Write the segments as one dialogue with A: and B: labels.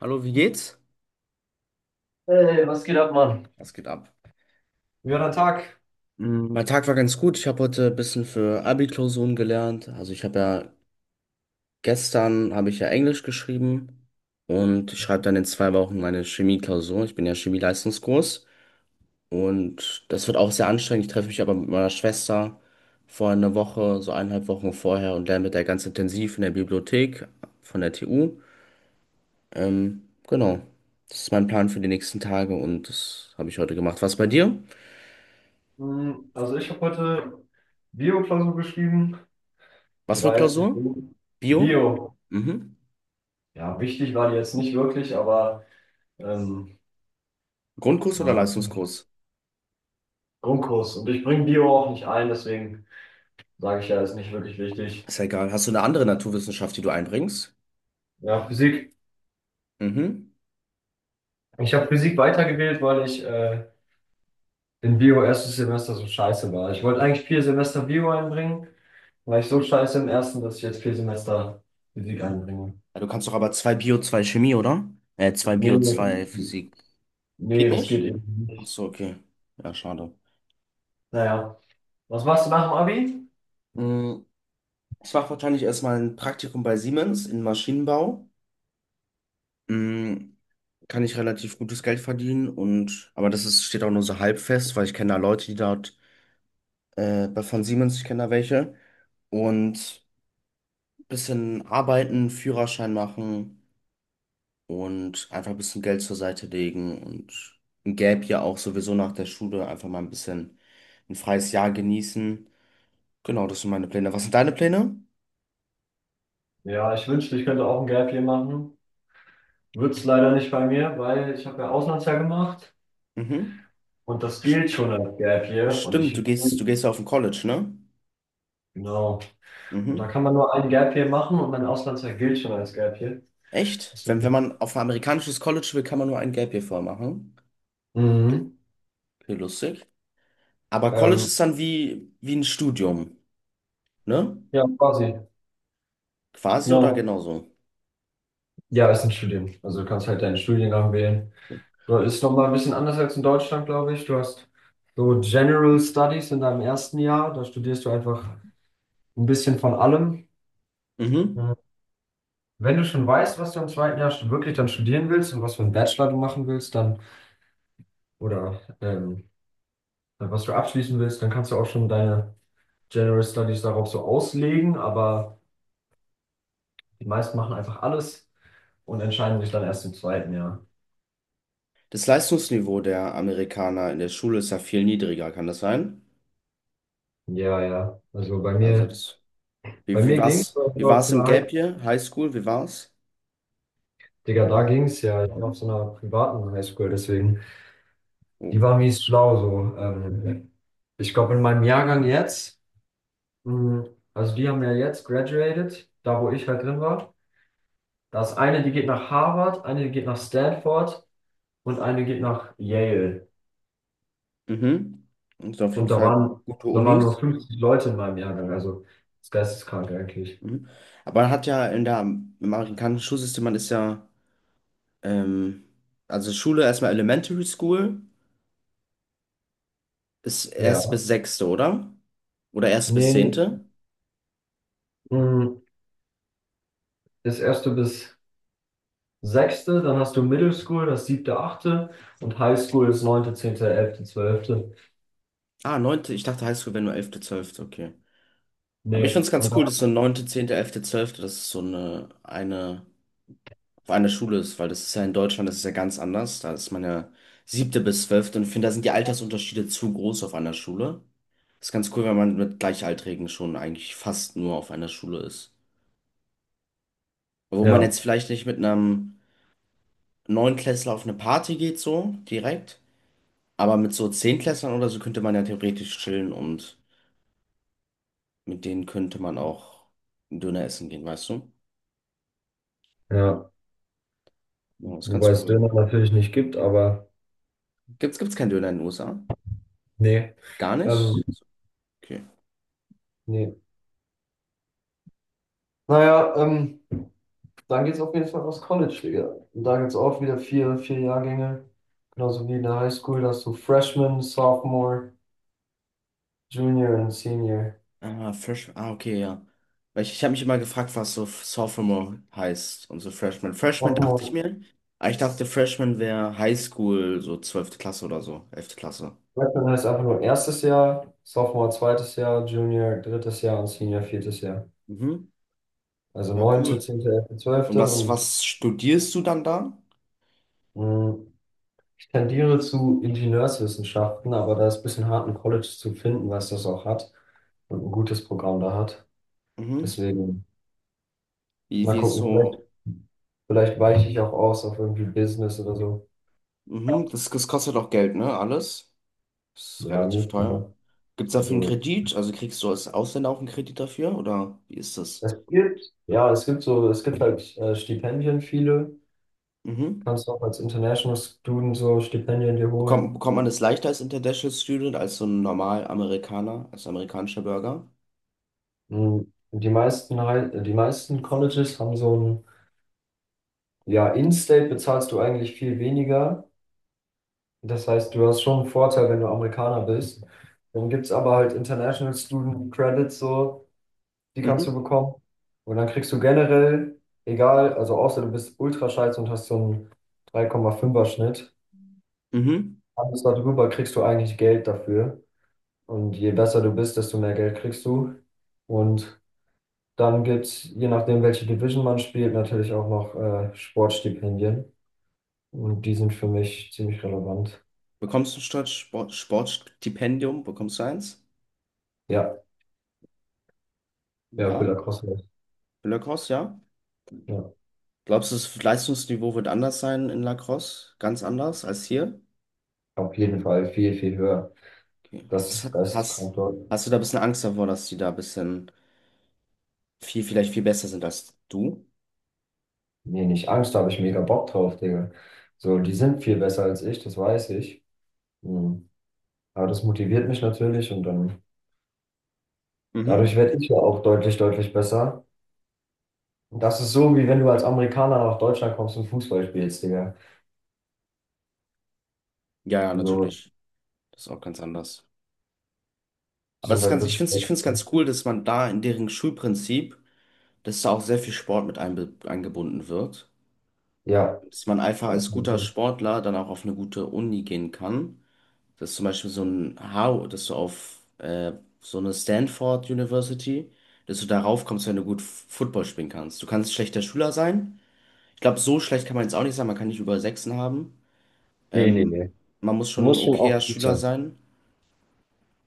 A: Hallo, wie geht's?
B: Hey, was geht ab, Mann?
A: Was geht ab? Mein Tag war ganz gut. Ich habe heute ein bisschen für Abi-Klausuren gelernt. Also ich habe ja gestern habe ich ja Englisch geschrieben und ich schreibe dann in zwei Wochen meine Chemie-Klausur. Ich bin ja Chemie-Leistungskurs und das wird auch sehr anstrengend. Ich treffe mich aber mit meiner Schwester vor einer Woche, so eineinhalb Wochen vorher, und lerne mit der ganz intensiv in der Bibliothek von der TU. Genau, das ist mein Plan für die nächsten Tage und das habe ich heute gemacht. Was bei dir?
B: Also ich habe heute Bio-Klausur geschrieben.
A: Was
B: Die
A: für
B: war jetzt nicht
A: Klausur?
B: so
A: Bio?
B: Bio.
A: Mhm.
B: Ja, wichtig war die jetzt nicht wirklich, aber ähm,
A: Grundkurs
B: ja,
A: oder
B: ein
A: Leistungskurs?
B: Grundkurs. Und ich bringe Bio auch nicht ein, deswegen sage ich ja, ist nicht wirklich wichtig.
A: Ist ja egal. Hast du eine andere Naturwissenschaft, die du einbringst?
B: Ja, Physik.
A: Mhm.
B: Ich
A: Ja,
B: habe Physik weitergewählt, weil ich in Bio erstes Semester so scheiße war. Ich wollte eigentlich 4 Semester Bio einbringen, war ich so scheiße im ersten, dass ich jetzt 4 Semester Physik einbringe.
A: du kannst doch aber zwei Bio, zwei Chemie, oder? Zwei
B: Nee,
A: Bio, zwei Physik.
B: nee,
A: Geht
B: das geht
A: nicht?
B: eben
A: Ach
B: nicht.
A: so, okay. Ja, schade.
B: Naja, was machst du nach dem Abi?
A: Mm, Ich mache wahrscheinlich erstmal ein Praktikum bei Siemens in Maschinenbau. Mm, Kann ich relativ gutes Geld verdienen, und aber steht auch nur so halb fest, weil ich kenne da Leute, die dort von Siemens, ich kenne da welche. Und bisschen arbeiten, Führerschein machen und einfach ein bisschen Geld zur Seite legen und ein Gap ja auch sowieso nach der Schule einfach mal ein bisschen ein freies Jahr genießen. Genau, das sind meine Pläne. Was sind deine Pläne?
B: Ja, ich wünschte, ich könnte auch ein Gap Year machen. Wird's leider nicht bei mir, weil ich habe ja Auslandsjahr gemacht
A: Mhm.
B: und das
A: Sch-
B: gilt schon als Gap Year.
A: Stimmt, du gehst, du gehst ja auf ein College, ne?
B: Genau, und da
A: Mhm.
B: kann man nur ein Gap Year machen und mein Auslandsjahr gilt schon als Gap Year.
A: Echt? Wenn
B: Deswegen-
A: man auf ein amerikanisches College will, kann man nur ein Gap Year vorher machen.
B: Mhm.
A: Okay, lustig. Aber College
B: Ähm,
A: ist dann wie ein Studium, ne?
B: ja, quasi.
A: Quasi oder
B: Genau.
A: genauso?
B: Ja, ist ein Studium. Also du kannst halt deinen Studiengang wählen. Du ist nochmal ein bisschen anders als in Deutschland, glaube ich. Du hast so General Studies in deinem ersten Jahr. Da studierst du einfach ein bisschen von allem.
A: Mhm.
B: Wenn du schon weißt, was du im zweiten Jahr wirklich dann studieren willst und was für einen Bachelor du machen willst, dann oder was du abschließen willst, dann kannst du auch schon deine General Studies darauf so auslegen, aber die meisten machen einfach alles und entscheiden sich dann erst im zweiten Jahr.
A: Das Leistungsniveau der Amerikaner in der Schule ist ja viel niedriger, kann das sein?
B: Ja, ja.
A: Also das, wie,
B: Bei
A: wie
B: mir ging es
A: war's,
B: auf
A: wie
B: auf
A: war's im
B: einer
A: Gap
B: High
A: Year? High School, wie war's?
B: Digga, da ging es ja. Ich war auf so einer privaten Highschool, deswegen.
A: Oh.
B: Die war mies schlau so. Ich glaube, in meinem Jahrgang jetzt, mh, also die haben ja jetzt graduated, da wo ich halt drin war. Da ist eine, die geht nach Harvard, eine, die geht nach Stanford und eine geht nach Yale.
A: Mhm. Und auf jeden
B: Und
A: Fall gute
B: da waren nur
A: Unis.
B: 50 Leute in meinem Jahrgang, also das ist geisteskrank eigentlich.
A: Mhm. Aber man hat ja in der, im amerikanischen Schulsystem, man ist ja, ähm, also Schule erstmal Elementary School ist erst
B: Ja.
A: bis sechste, oder? Oder erst bis
B: Nee,
A: zehnte?
B: mh, das erste bis sechste, dann hast du Middle School, das siebte, achte und High School ist neunte, zehnte, elfte, zwölfte.
A: Ah, neunte, ich dachte Highschool wäre nur elfte, zwölfte, okay. Aber ich
B: Nee,
A: find's ganz
B: und dann,
A: cool, dass so neunte, zehnte, elfte, zwölfte, das ist so eine an der Schule ist, weil das ist ja in Deutschland, das ist ja ganz anders. Da ist man ja siebte bis zwölfte und ich finde, da sind die Altersunterschiede zu groß auf einer Schule. Das ist ganz cool, wenn man mit Gleichaltrigen schon eigentlich fast nur auf einer Schule ist. Wo man
B: ja,
A: jetzt vielleicht nicht mit einem Neunklässler auf eine Party geht, so direkt, aber mit so Zehntklässlern oder so könnte man ja theoretisch chillen und mit denen könnte man auch einen Döner essen gehen, weißt du?
B: ja,
A: Ja, das ist
B: wobei
A: ganz
B: es
A: cool.
B: Döner natürlich nicht gibt, aber
A: Gibt's keinen Döner in den USA?
B: nee,
A: Gar
B: ähm,
A: nicht? Okay.
B: nee. Naja, dann geht's auf jeden Fall aufs College, Digga. Und da gibt's auch wieder vier Jahrgänge. Genauso wie in der High School, da hast du Freshman, Sophomore, Junior und Senior.
A: Ah, Fresh. Ah, okay, ja. Weil ich habe mich immer gefragt, was so Sophomore heißt und so Freshman. Freshman dachte ich
B: Sophomore,
A: mir. Aber ich dachte, Freshman wäre Highschool, so zwölfte Klasse oder so, elfte Klasse.
B: Freshman heißt einfach nur erstes Jahr, Sophomore zweites Jahr, Junior drittes Jahr und Senior viertes Jahr.
A: Mhm.
B: Also
A: Ja,
B: neunte,
A: cool.
B: zehnte, elfte,
A: Und
B: zwölfte
A: was,
B: und
A: was studierst du dann da?
B: mh, ich tendiere zu Ingenieurswissenschaften, aber da ist ein bisschen hart, ein College zu finden, was das auch hat und ein gutes Programm da hat.
A: Mhm.
B: Deswegen
A: Wie,
B: mal
A: wie ist
B: gucken,
A: so?
B: vielleicht weiche ich auch aus auf irgendwie Business oder so.
A: Mhm. Das kostet auch Geld, ne? Alles. Ist
B: Ja,
A: relativ
B: gut,
A: teuer.
B: mal.
A: Gibt es dafür einen
B: Also
A: Kredit? Also kriegst du als Ausländer auch einen Kredit dafür? Oder wie ist das?
B: es gibt, ja, es gibt halt Stipendien, viele.
A: Mhm.
B: Kannst auch als International Student so Stipendien dir
A: Bekommt,
B: holen.
A: bekommt man das leichter als International Student, als so ein normal Amerikaner, als amerikanischer Bürger?
B: Mhm. Die meisten Colleges haben so ein, ja, In-State bezahlst du eigentlich viel weniger. Das heißt, du hast schon einen Vorteil, wenn du Amerikaner bist. Dann gibt es aber halt International Student Credits so. Die
A: Mhm.
B: kannst du bekommen. Und dann kriegst du generell, egal, also außer du bist ultra scheiße und hast so einen 3,5er Schnitt,
A: Mhm.
B: alles darüber kriegst du eigentlich Geld dafür. Und je besser du bist, desto mehr Geld kriegst du. Und dann gibt's, je nachdem, welche Division man spielt, natürlich auch noch Sportstipendien. Und die sind für mich ziemlich relevant.
A: Bekommst du statt Sport, Sportstipendium, bekommst du eins?
B: Ja, ja, für
A: Ja.
B: Lacrosse.
A: Für Lacrosse, ja.
B: Ja,
A: Glaubst du, das Leistungsniveau wird anders sein in Lacrosse? Ganz anders als hier?
B: auf jeden Fall viel, viel höher.
A: Okay.
B: Das
A: Hast,
B: ist das
A: hast,
B: Konto.
A: hast du da ein bisschen Angst davor, dass die da ein bisschen vielleicht viel besser sind als du?
B: Nee, nicht Angst, da habe ich mega Bock drauf, Digga. So, die sind viel besser als ich, das weiß ich. Mhm. Aber das motiviert mich natürlich und dann dadurch
A: Mhm.
B: werde ich ja auch deutlich, deutlich besser. Und das ist so, wie wenn du als Amerikaner nach Deutschland kommst und Fußball spielst, Digga.
A: Ja, ja,
B: So,
A: natürlich. Das ist auch ganz anders.
B: die
A: Aber es
B: sind
A: ist
B: halt
A: ganz, ich
B: wirklich.
A: finde es ich find's ganz cool, dass man da in deren Schulprinzip, dass da auch sehr viel Sport mit eingebunden wird.
B: Ja.
A: Dass man einfach
B: Ja, auf
A: als
B: jeden
A: guter
B: Fall.
A: Sportler dann auch auf eine gute Uni gehen kann. Dass zum Beispiel so ein Harvard, dass du auf so eine Stanford University, dass du darauf kommst, wenn du gut Football spielen kannst. Du kannst schlechter Schüler sein. Ich glaube, so schlecht kann man jetzt auch nicht sein. Man kann nicht über Sechsen haben.
B: Nee, nee,
A: Ähm,
B: nee.
A: Man muss
B: Du
A: schon ein
B: musst schon
A: okayer
B: auch gut
A: Schüler
B: sein.
A: sein.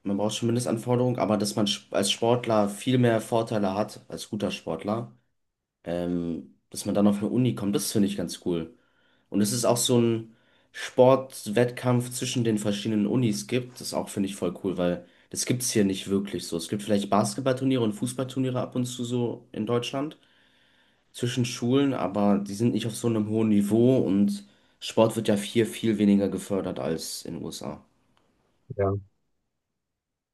A: Man braucht schon Mindestanforderungen, aber dass man als Sportler viel mehr Vorteile hat, als guter Sportler, dass man dann auf eine Uni kommt, das finde ich ganz cool. Und es ist auch so ein Sportwettkampf zwischen den verschiedenen Unis gibt, das auch finde ich voll cool, weil das gibt es hier nicht wirklich so. Es gibt vielleicht Basketballturniere und Fußballturniere ab und zu so in Deutschland zwischen Schulen, aber die sind nicht auf so einem hohen Niveau, und Sport wird ja hier viel weniger gefördert als in den USA.
B: Ja.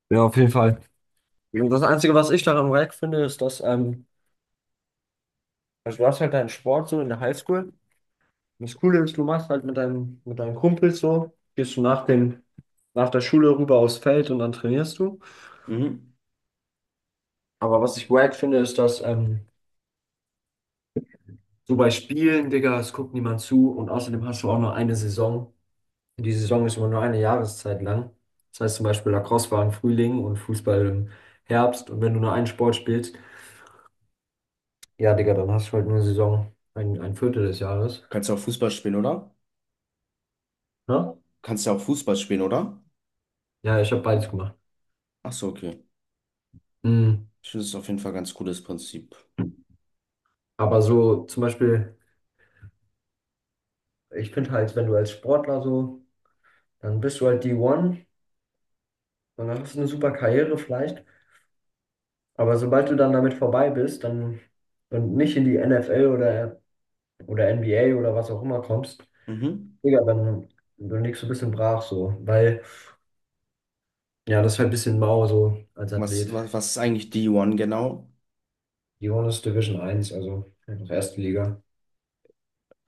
B: Ja, auf jeden Fall. Und das Einzige, was ich daran wack finde, ist, dass, also du hast halt deinen Sport so in der Highschool. Das Coole ist, du machst halt mit mit deinen Kumpels so, gehst du nach nach der Schule rüber aufs Feld und dann trainierst du.
A: Mhm.
B: Aber was ich wack finde, ist, dass so bei Spielen, Digga, es guckt niemand zu und außerdem hast du auch nur eine Saison. Und die Saison ist immer nur eine Jahreszeit lang. Das heißt zum Beispiel Lacrosse war im Frühling und Fußball im Herbst und wenn du nur einen Sport spielst, ja, Digga, dann hast du halt nur eine Saison, ein Viertel des Jahres.
A: Kannst du auch Fußball spielen, oder?
B: Ja,
A: Kannst du auch Fußball spielen, oder?
B: ja ich habe beides gemacht.
A: Ach so, okay.
B: Mhm.
A: Ich finde es auf jeden Fall ein ganz cooles Prinzip.
B: Aber so zum Beispiel. Ich finde halt, wenn du als Sportler so, dann bist du halt D1 und dann hast du eine super Karriere vielleicht. Aber sobald du dann damit vorbei bist, dann und nicht in die NFL oder NBA oder was auch immer kommst,
A: Mhm.
B: Digga, dann liegst du ein bisschen brach so. Weil, ja, das ist halt ein bisschen mau so als
A: Was,
B: Athlet.
A: was, was ist eigentlich D1 genau?
B: Die One ist Division eins also halt noch erste Liga.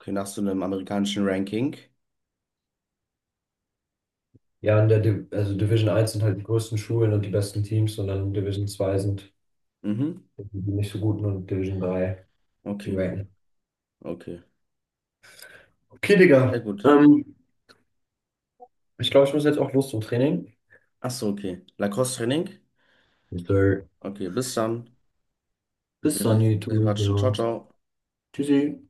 A: Okay, nach so einem amerikanischen Ranking.
B: Ja, in der Div also Division eins sind halt die größten Schulen und die besten Teams und dann Division 2 sind
A: Mhm.
B: die nicht so guten und Division 3 die
A: Okay, cool.
B: Wacken.
A: Okay.
B: Okay,
A: Sehr
B: Digga.
A: gut.
B: Ich glaube, ich muss jetzt auch los zum Training.
A: Ach so, okay. Lacoste-Training?
B: Yes, sir.
A: Okay, bis dann.
B: Bis
A: Wir,
B: dann,
A: wir, wir
B: YouTube.
A: quatschen. Ciao,
B: Ja.
A: ciao.
B: Tschüssi.